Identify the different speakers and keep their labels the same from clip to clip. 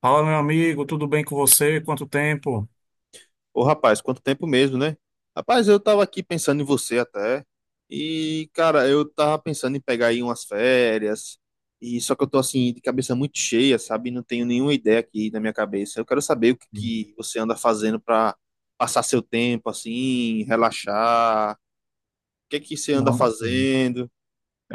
Speaker 1: Fala, meu amigo, tudo bem com você? Quanto tempo?
Speaker 2: Ô, rapaz, quanto tempo mesmo, né? Rapaz, eu tava aqui pensando em você até. E, cara, eu tava pensando em pegar aí umas férias. E só que eu tô assim, de cabeça muito cheia, sabe? Não tenho nenhuma ideia aqui na minha cabeça. Eu quero saber o que que você anda fazendo pra passar seu tempo assim, relaxar. O que que você anda
Speaker 1: Não, bacana.
Speaker 2: fazendo?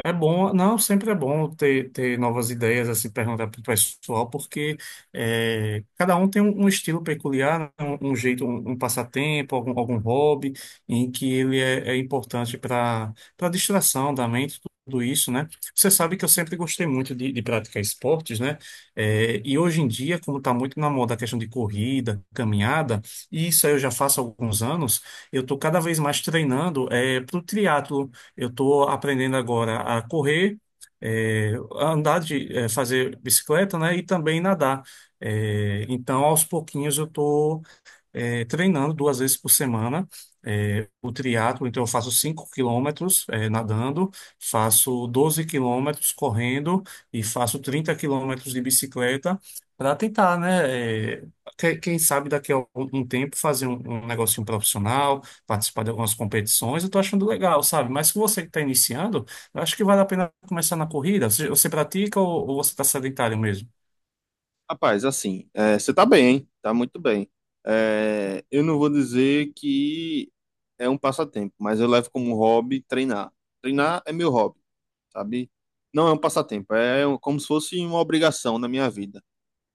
Speaker 1: É bom, não, sempre é bom ter novas ideias, assim, perguntar para o pessoal, porque é, cada um tem um estilo peculiar, né, um jeito, um passatempo, algum hobby, em que ele é importante para distração da mente, tudo isso, né? Você sabe que eu sempre gostei muito de praticar esportes, né? É, e hoje em dia, como está muito na moda a questão de corrida, caminhada, e isso aí eu já faço há alguns anos, eu estou cada vez mais treinando para o triatlo. Eu estou aprendendo agora a correr, a andar de, fazer bicicleta, né? E também nadar. Então, aos pouquinhos, eu estou treinando duas vezes por semana o triatlo. Então, eu faço 5 km nadando, faço 12 km correndo e faço 30 km de bicicleta para tentar, né? Quem sabe daqui a algum tempo fazer um, um negocinho profissional, participar de algumas competições, eu estou achando legal, sabe? Mas se você que está iniciando, eu acho que vale a pena começar na corrida. Você pratica ou você está sedentário mesmo?
Speaker 2: Rapaz, assim, é, você tá bem, hein? Tá muito bem. É, eu não vou dizer que é um passatempo, mas eu levo como hobby treinar. Treinar é meu hobby, sabe? Não é um passatempo, é um- como se fosse uma obrigação na minha vida.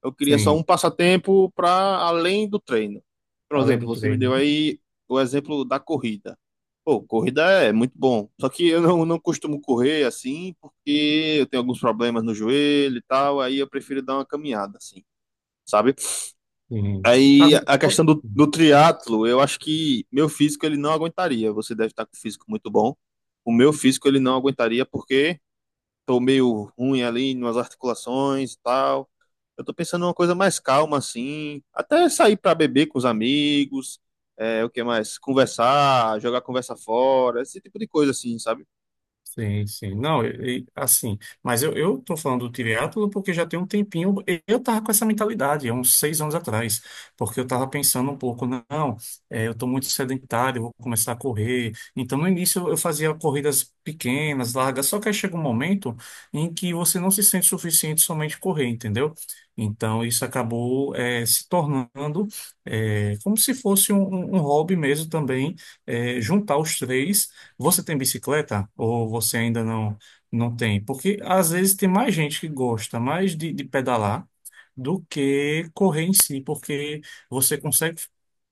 Speaker 2: Eu queria só
Speaker 1: Sim,
Speaker 2: um passatempo para além do treino. Por
Speaker 1: além
Speaker 2: exemplo,
Speaker 1: do
Speaker 2: você me
Speaker 1: treino,
Speaker 2: deu
Speaker 1: né?
Speaker 2: aí o exemplo da corrida. Pô, corrida é muito bom. Só que eu não costumo correr assim, porque eu tenho alguns problemas no joelho e tal, aí eu prefiro dar uma caminhada, assim, sabe?
Speaker 1: Sim.
Speaker 2: Aí
Speaker 1: Agora,
Speaker 2: a questão do triatlo, eu acho que meu físico ele não aguentaria. Você deve estar com o físico muito bom. O meu físico ele não aguentaria porque tô meio ruim ali nas articulações e tal. Eu tô pensando numa coisa mais calma assim, até sair para beber com os amigos, o que mais? Conversar, jogar conversa fora, esse tipo de coisa assim, sabe?
Speaker 1: sim, sim. Não, e, assim, mas eu tô falando do triatlo porque já tem um tempinho, eu tava com essa mentalidade, há uns 6 anos atrás, porque eu tava pensando um pouco, não, é, eu tô muito sedentário, eu vou começar a correr. Então, no início eu fazia corridas pequenas, largas, só que aí chega um momento em que você não se sente suficiente somente correr, entendeu? Então, isso acabou, se tornando, como se fosse um, um hobby mesmo também, juntar os três. Você tem bicicleta ou você ainda não tem? Porque às vezes tem mais gente que gosta mais de pedalar do que correr em si, porque você consegue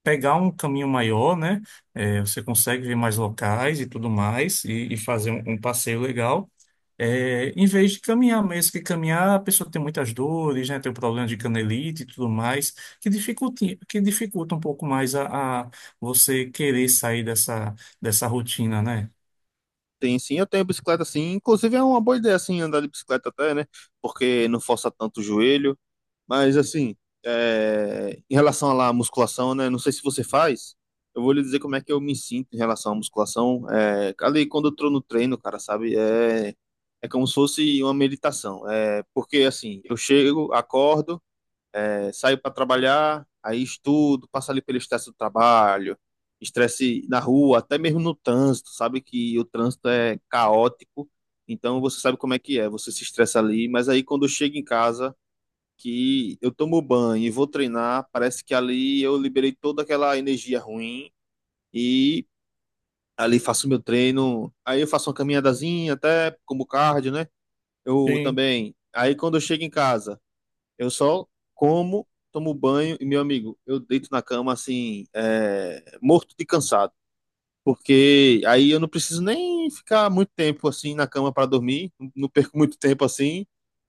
Speaker 1: pegar um caminho maior, né? É, você consegue ver mais locais e tudo mais e fazer um, um passeio legal. É, em vez de caminhar mesmo, que caminhar a pessoa tem muitas dores, né? Tem o problema de canelite e tudo mais, que dificulta um pouco mais a você querer sair dessa rotina, né?
Speaker 2: Tem sim, eu tenho bicicleta assim, inclusive é uma boa ideia assim andar de bicicleta até, né? Porque não força tanto o joelho. Mas assim, em relação à lá à musculação, né? Não sei se você faz. Eu vou lhe dizer como é que eu me sinto em relação à musculação. Ali quando eu tô no treino, cara, sabe? É como se fosse uma meditação. Porque assim, eu chego, acordo, saio para trabalhar, aí estudo, passo ali pelo estresse do trabalho, estresse na rua, até mesmo no trânsito, sabe? Que o trânsito é caótico. Então você sabe como é que é. Você se estressa ali, mas aí quando eu chego em casa que eu tomo banho e vou treinar, parece que ali eu liberei toda aquela energia ruim e ali faço meu treino. Aí eu faço uma caminhadazinha, até como cardio, né? Eu
Speaker 1: Sim,
Speaker 2: também. Aí quando eu chego em casa, eu só como, tomo banho e, meu amigo, eu deito na cama assim, morto de cansado. Porque aí eu não preciso nem ficar muito tempo assim na cama para dormir, não perco muito tempo assim,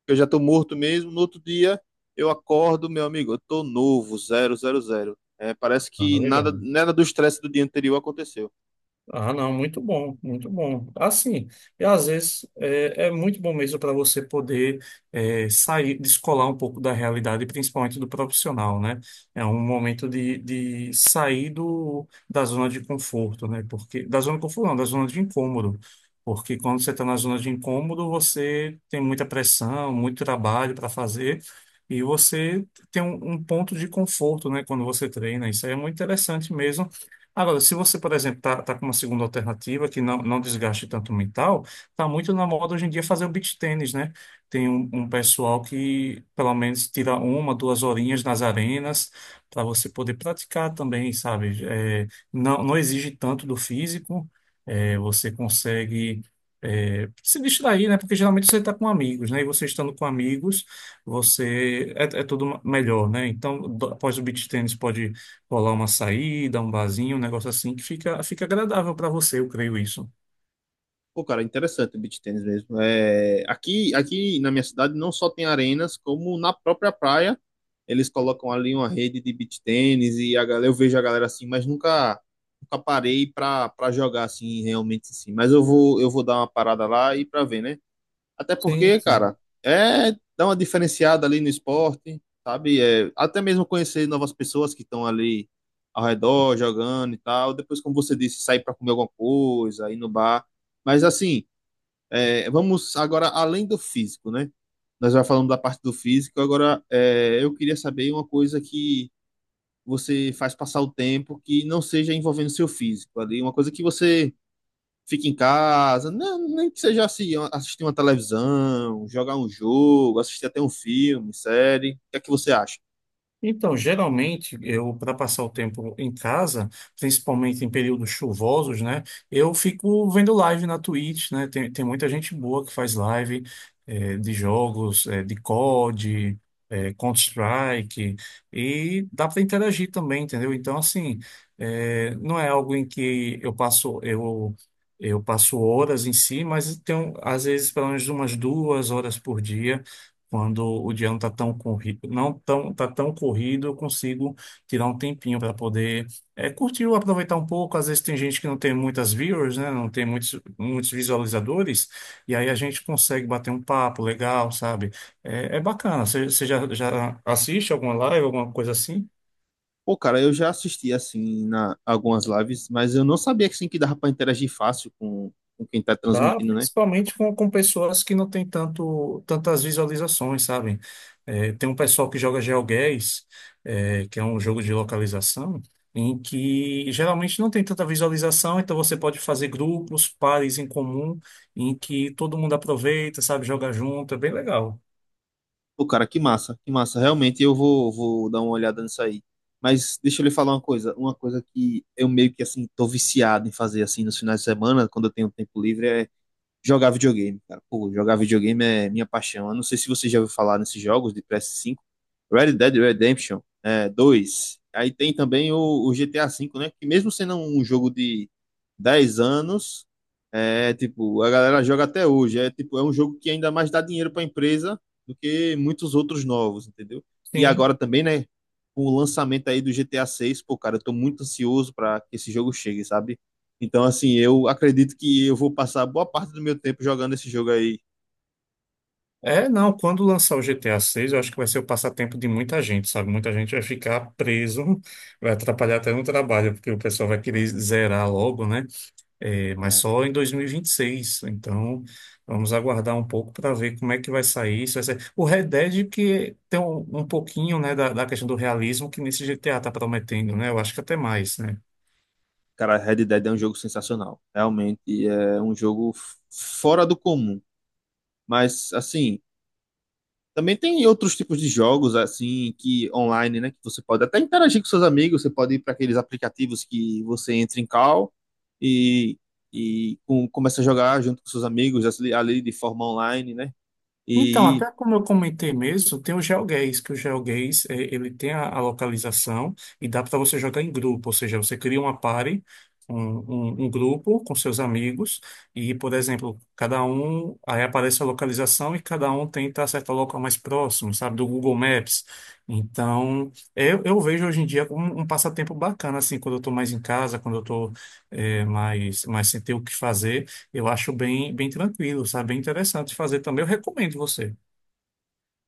Speaker 2: eu já tô morto mesmo. No outro dia eu acordo, meu amigo, eu tô novo, zero, zero, zero. Parece
Speaker 1: ah,
Speaker 2: que nada,
Speaker 1: legal.
Speaker 2: nada do estresse do dia anterior aconteceu.
Speaker 1: Ah, não, muito bom, muito bom. Assim, e às vezes é muito bom mesmo para você poder sair, descolar um pouco da realidade, principalmente do profissional, né? É um momento de sair do, da zona de conforto, né? Porque, da zona de conforto, não, da zona de incômodo. Porque quando você está na zona de incômodo, você tem muita pressão, muito trabalho para fazer, e você tem um, um ponto de conforto, né? Quando você treina. Isso aí é muito interessante mesmo. Agora, se você, por exemplo, tá com uma segunda alternativa que não, não desgaste tanto o mental, tá muito na moda hoje em dia fazer o beach tennis, né? Tem um, um pessoal que pelo menos tira uma, duas horinhas nas arenas para você poder praticar também, sabe? É, não, não exige tanto do físico, é, você consegue se distrair, né? Porque geralmente você está com amigos, né? E você estando com amigos, você é tudo melhor, né? Então, após o beach tennis pode colar uma saída, um barzinho, um negócio assim que fica agradável para você, eu creio isso.
Speaker 2: Pô, cara, interessante o beach tennis mesmo. Aqui na minha cidade não só tem arenas, como na própria praia eles colocam ali uma rede de beach tennis e a galera, eu vejo a galera assim, mas nunca, nunca parei pra jogar assim realmente assim. Mas eu vou dar uma parada lá e pra ver, né? Até
Speaker 1: Sim,
Speaker 2: porque, cara,
Speaker 1: sim.
Speaker 2: é dar uma diferenciada ali no esporte, sabe? Até mesmo conhecer novas pessoas que estão ali ao redor, jogando e tal. Depois, como você disse, sair para comer alguma coisa, ir no bar. Mas assim, vamos agora além do físico, né? Nós já falamos da parte do físico, agora eu queria saber uma coisa que você faz passar o tempo que não seja envolvendo seu físico ali, uma coisa que você fica em casa, não, nem que seja assim, assistir uma televisão, jogar um jogo, assistir até um filme, série. O que é que você acha?
Speaker 1: Então, geralmente, eu, para passar o tempo em casa, principalmente em períodos chuvosos, né, eu fico vendo live na Twitch, né, tem muita gente boa que faz live de jogos, de COD, Counter-Strike, e dá para interagir também, entendeu? Então, assim, não é algo em que eu passo horas em si, mas tem, um, às vezes, pelo menos umas duas horas por dia quando o dia não está tão corrido, não tão, tá tão corrido, eu consigo tirar um tempinho para poder curtir ou aproveitar um pouco. Às vezes tem gente que não tem muitas viewers, né? Não tem muitos visualizadores, e aí a gente consegue bater um papo legal, sabe? É, é bacana. Você já, já assiste alguma live, alguma coisa assim?
Speaker 2: Pô, cara, eu já assisti assim na algumas lives, mas eu não sabia que assim, que dava pra interagir fácil com quem tá
Speaker 1: Dá,
Speaker 2: transmitindo, né?
Speaker 1: principalmente com pessoas que não têm tanto, tantas visualizações, sabe? É, tem um pessoal que joga GeoGuessr, é, que é um jogo de localização, em que geralmente não tem tanta visualização, então você pode fazer grupos, pares em comum, em que todo mundo aproveita, sabe? Joga junto, é bem legal.
Speaker 2: Pô, cara, que massa, que massa. Realmente eu vou dar uma olhada nisso aí. Mas deixa eu lhe falar uma coisa que eu meio que assim tô viciado em fazer assim nos finais de semana, quando eu tenho tempo livre, é jogar videogame, cara. Pô, jogar videogame é minha paixão. Eu não sei se você já ouviu falar nesses jogos de PS5. Red Dead Redemption 2. Aí tem também o GTA 5, né? Que mesmo sendo um jogo de 10 anos, é tipo, a galera joga até hoje. É tipo, é um jogo que ainda mais dá dinheiro para a empresa do que muitos outros novos, entendeu? E
Speaker 1: Sim.
Speaker 2: agora também, né? Com o lançamento aí do GTA 6, pô, cara, eu tô muito ansioso para que esse jogo chegue, sabe? Então, assim, eu acredito que eu vou passar boa parte do meu tempo jogando esse jogo aí,
Speaker 1: É, não, quando lançar o GTA 6, eu acho que vai ser o passatempo de muita gente, sabe? Muita gente vai ficar preso, vai atrapalhar até no trabalho, porque o pessoal vai querer zerar logo, né? É, mas
Speaker 2: né?
Speaker 1: só em 2026. Então, vamos aguardar um pouco para ver como é que vai sair isso. Vai ser... O Red Dead que tem um, um pouquinho, né, da questão do realismo que nesse GTA tá prometendo, né? Eu acho que até mais, né?
Speaker 2: Cara, Red Dead é um jogo sensacional. Realmente é um jogo fora do comum. Mas, assim, também tem outros tipos de jogos, assim, que online, né? Que você pode até interagir com seus amigos. Você pode ir para aqueles aplicativos que você entra em call e, e começa a jogar junto com seus amigos, assim, ali de forma online, né?
Speaker 1: Então,
Speaker 2: E
Speaker 1: até como eu comentei mesmo, tem o GeoGuessr, que o GeoGuessr, eh, ele tem a localização e dá para você jogar em grupo, ou seja, você cria uma party, um, um grupo com seus amigos e, por exemplo, cada um, aí aparece a localização e cada um tenta acertar o local mais próximo, sabe, do Google Maps. Então, eu vejo hoje em dia como um passatempo bacana, assim, quando eu estou mais em casa, quando eu estou mais, mais sem ter o que fazer, eu acho bem, bem tranquilo, sabe? Bem interessante fazer também. Eu recomendo você,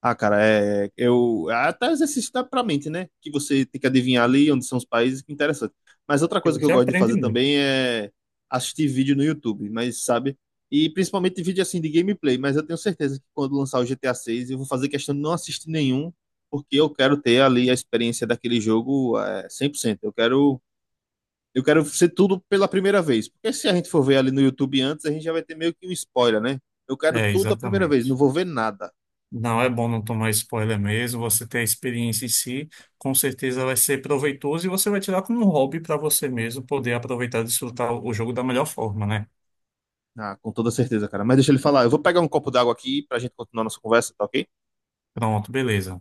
Speaker 2: Ah, cara, eu até exercício dá pra mente, né? Que você tem que adivinhar ali onde são os países, que é interessante. Mas outra
Speaker 1: que
Speaker 2: coisa que eu
Speaker 1: você
Speaker 2: gosto de
Speaker 1: aprende
Speaker 2: fazer
Speaker 1: muito.
Speaker 2: também é assistir vídeo no YouTube, mas sabe? E principalmente vídeo assim de gameplay, mas eu tenho certeza que quando lançar o GTA 6 eu vou fazer questão de não assistir nenhum, porque eu quero ter ali a experiência daquele jogo 100%. Eu quero ser tudo pela primeira vez, porque se a gente for ver ali no YouTube antes, a gente já vai ter meio que um spoiler, né? Eu quero
Speaker 1: É,
Speaker 2: tudo a primeira vez, não
Speaker 1: exatamente.
Speaker 2: vou ver nada.
Speaker 1: Não é bom não tomar spoiler mesmo, você ter a experiência em si, com certeza vai ser proveitoso e você vai tirar como um hobby para você mesmo poder aproveitar e desfrutar o jogo da melhor forma, né?
Speaker 2: Ah, com toda certeza, cara. Mas deixa ele falar. Eu vou pegar um copo d'água aqui pra gente continuar nossa conversa, tá ok?
Speaker 1: Pronto, beleza.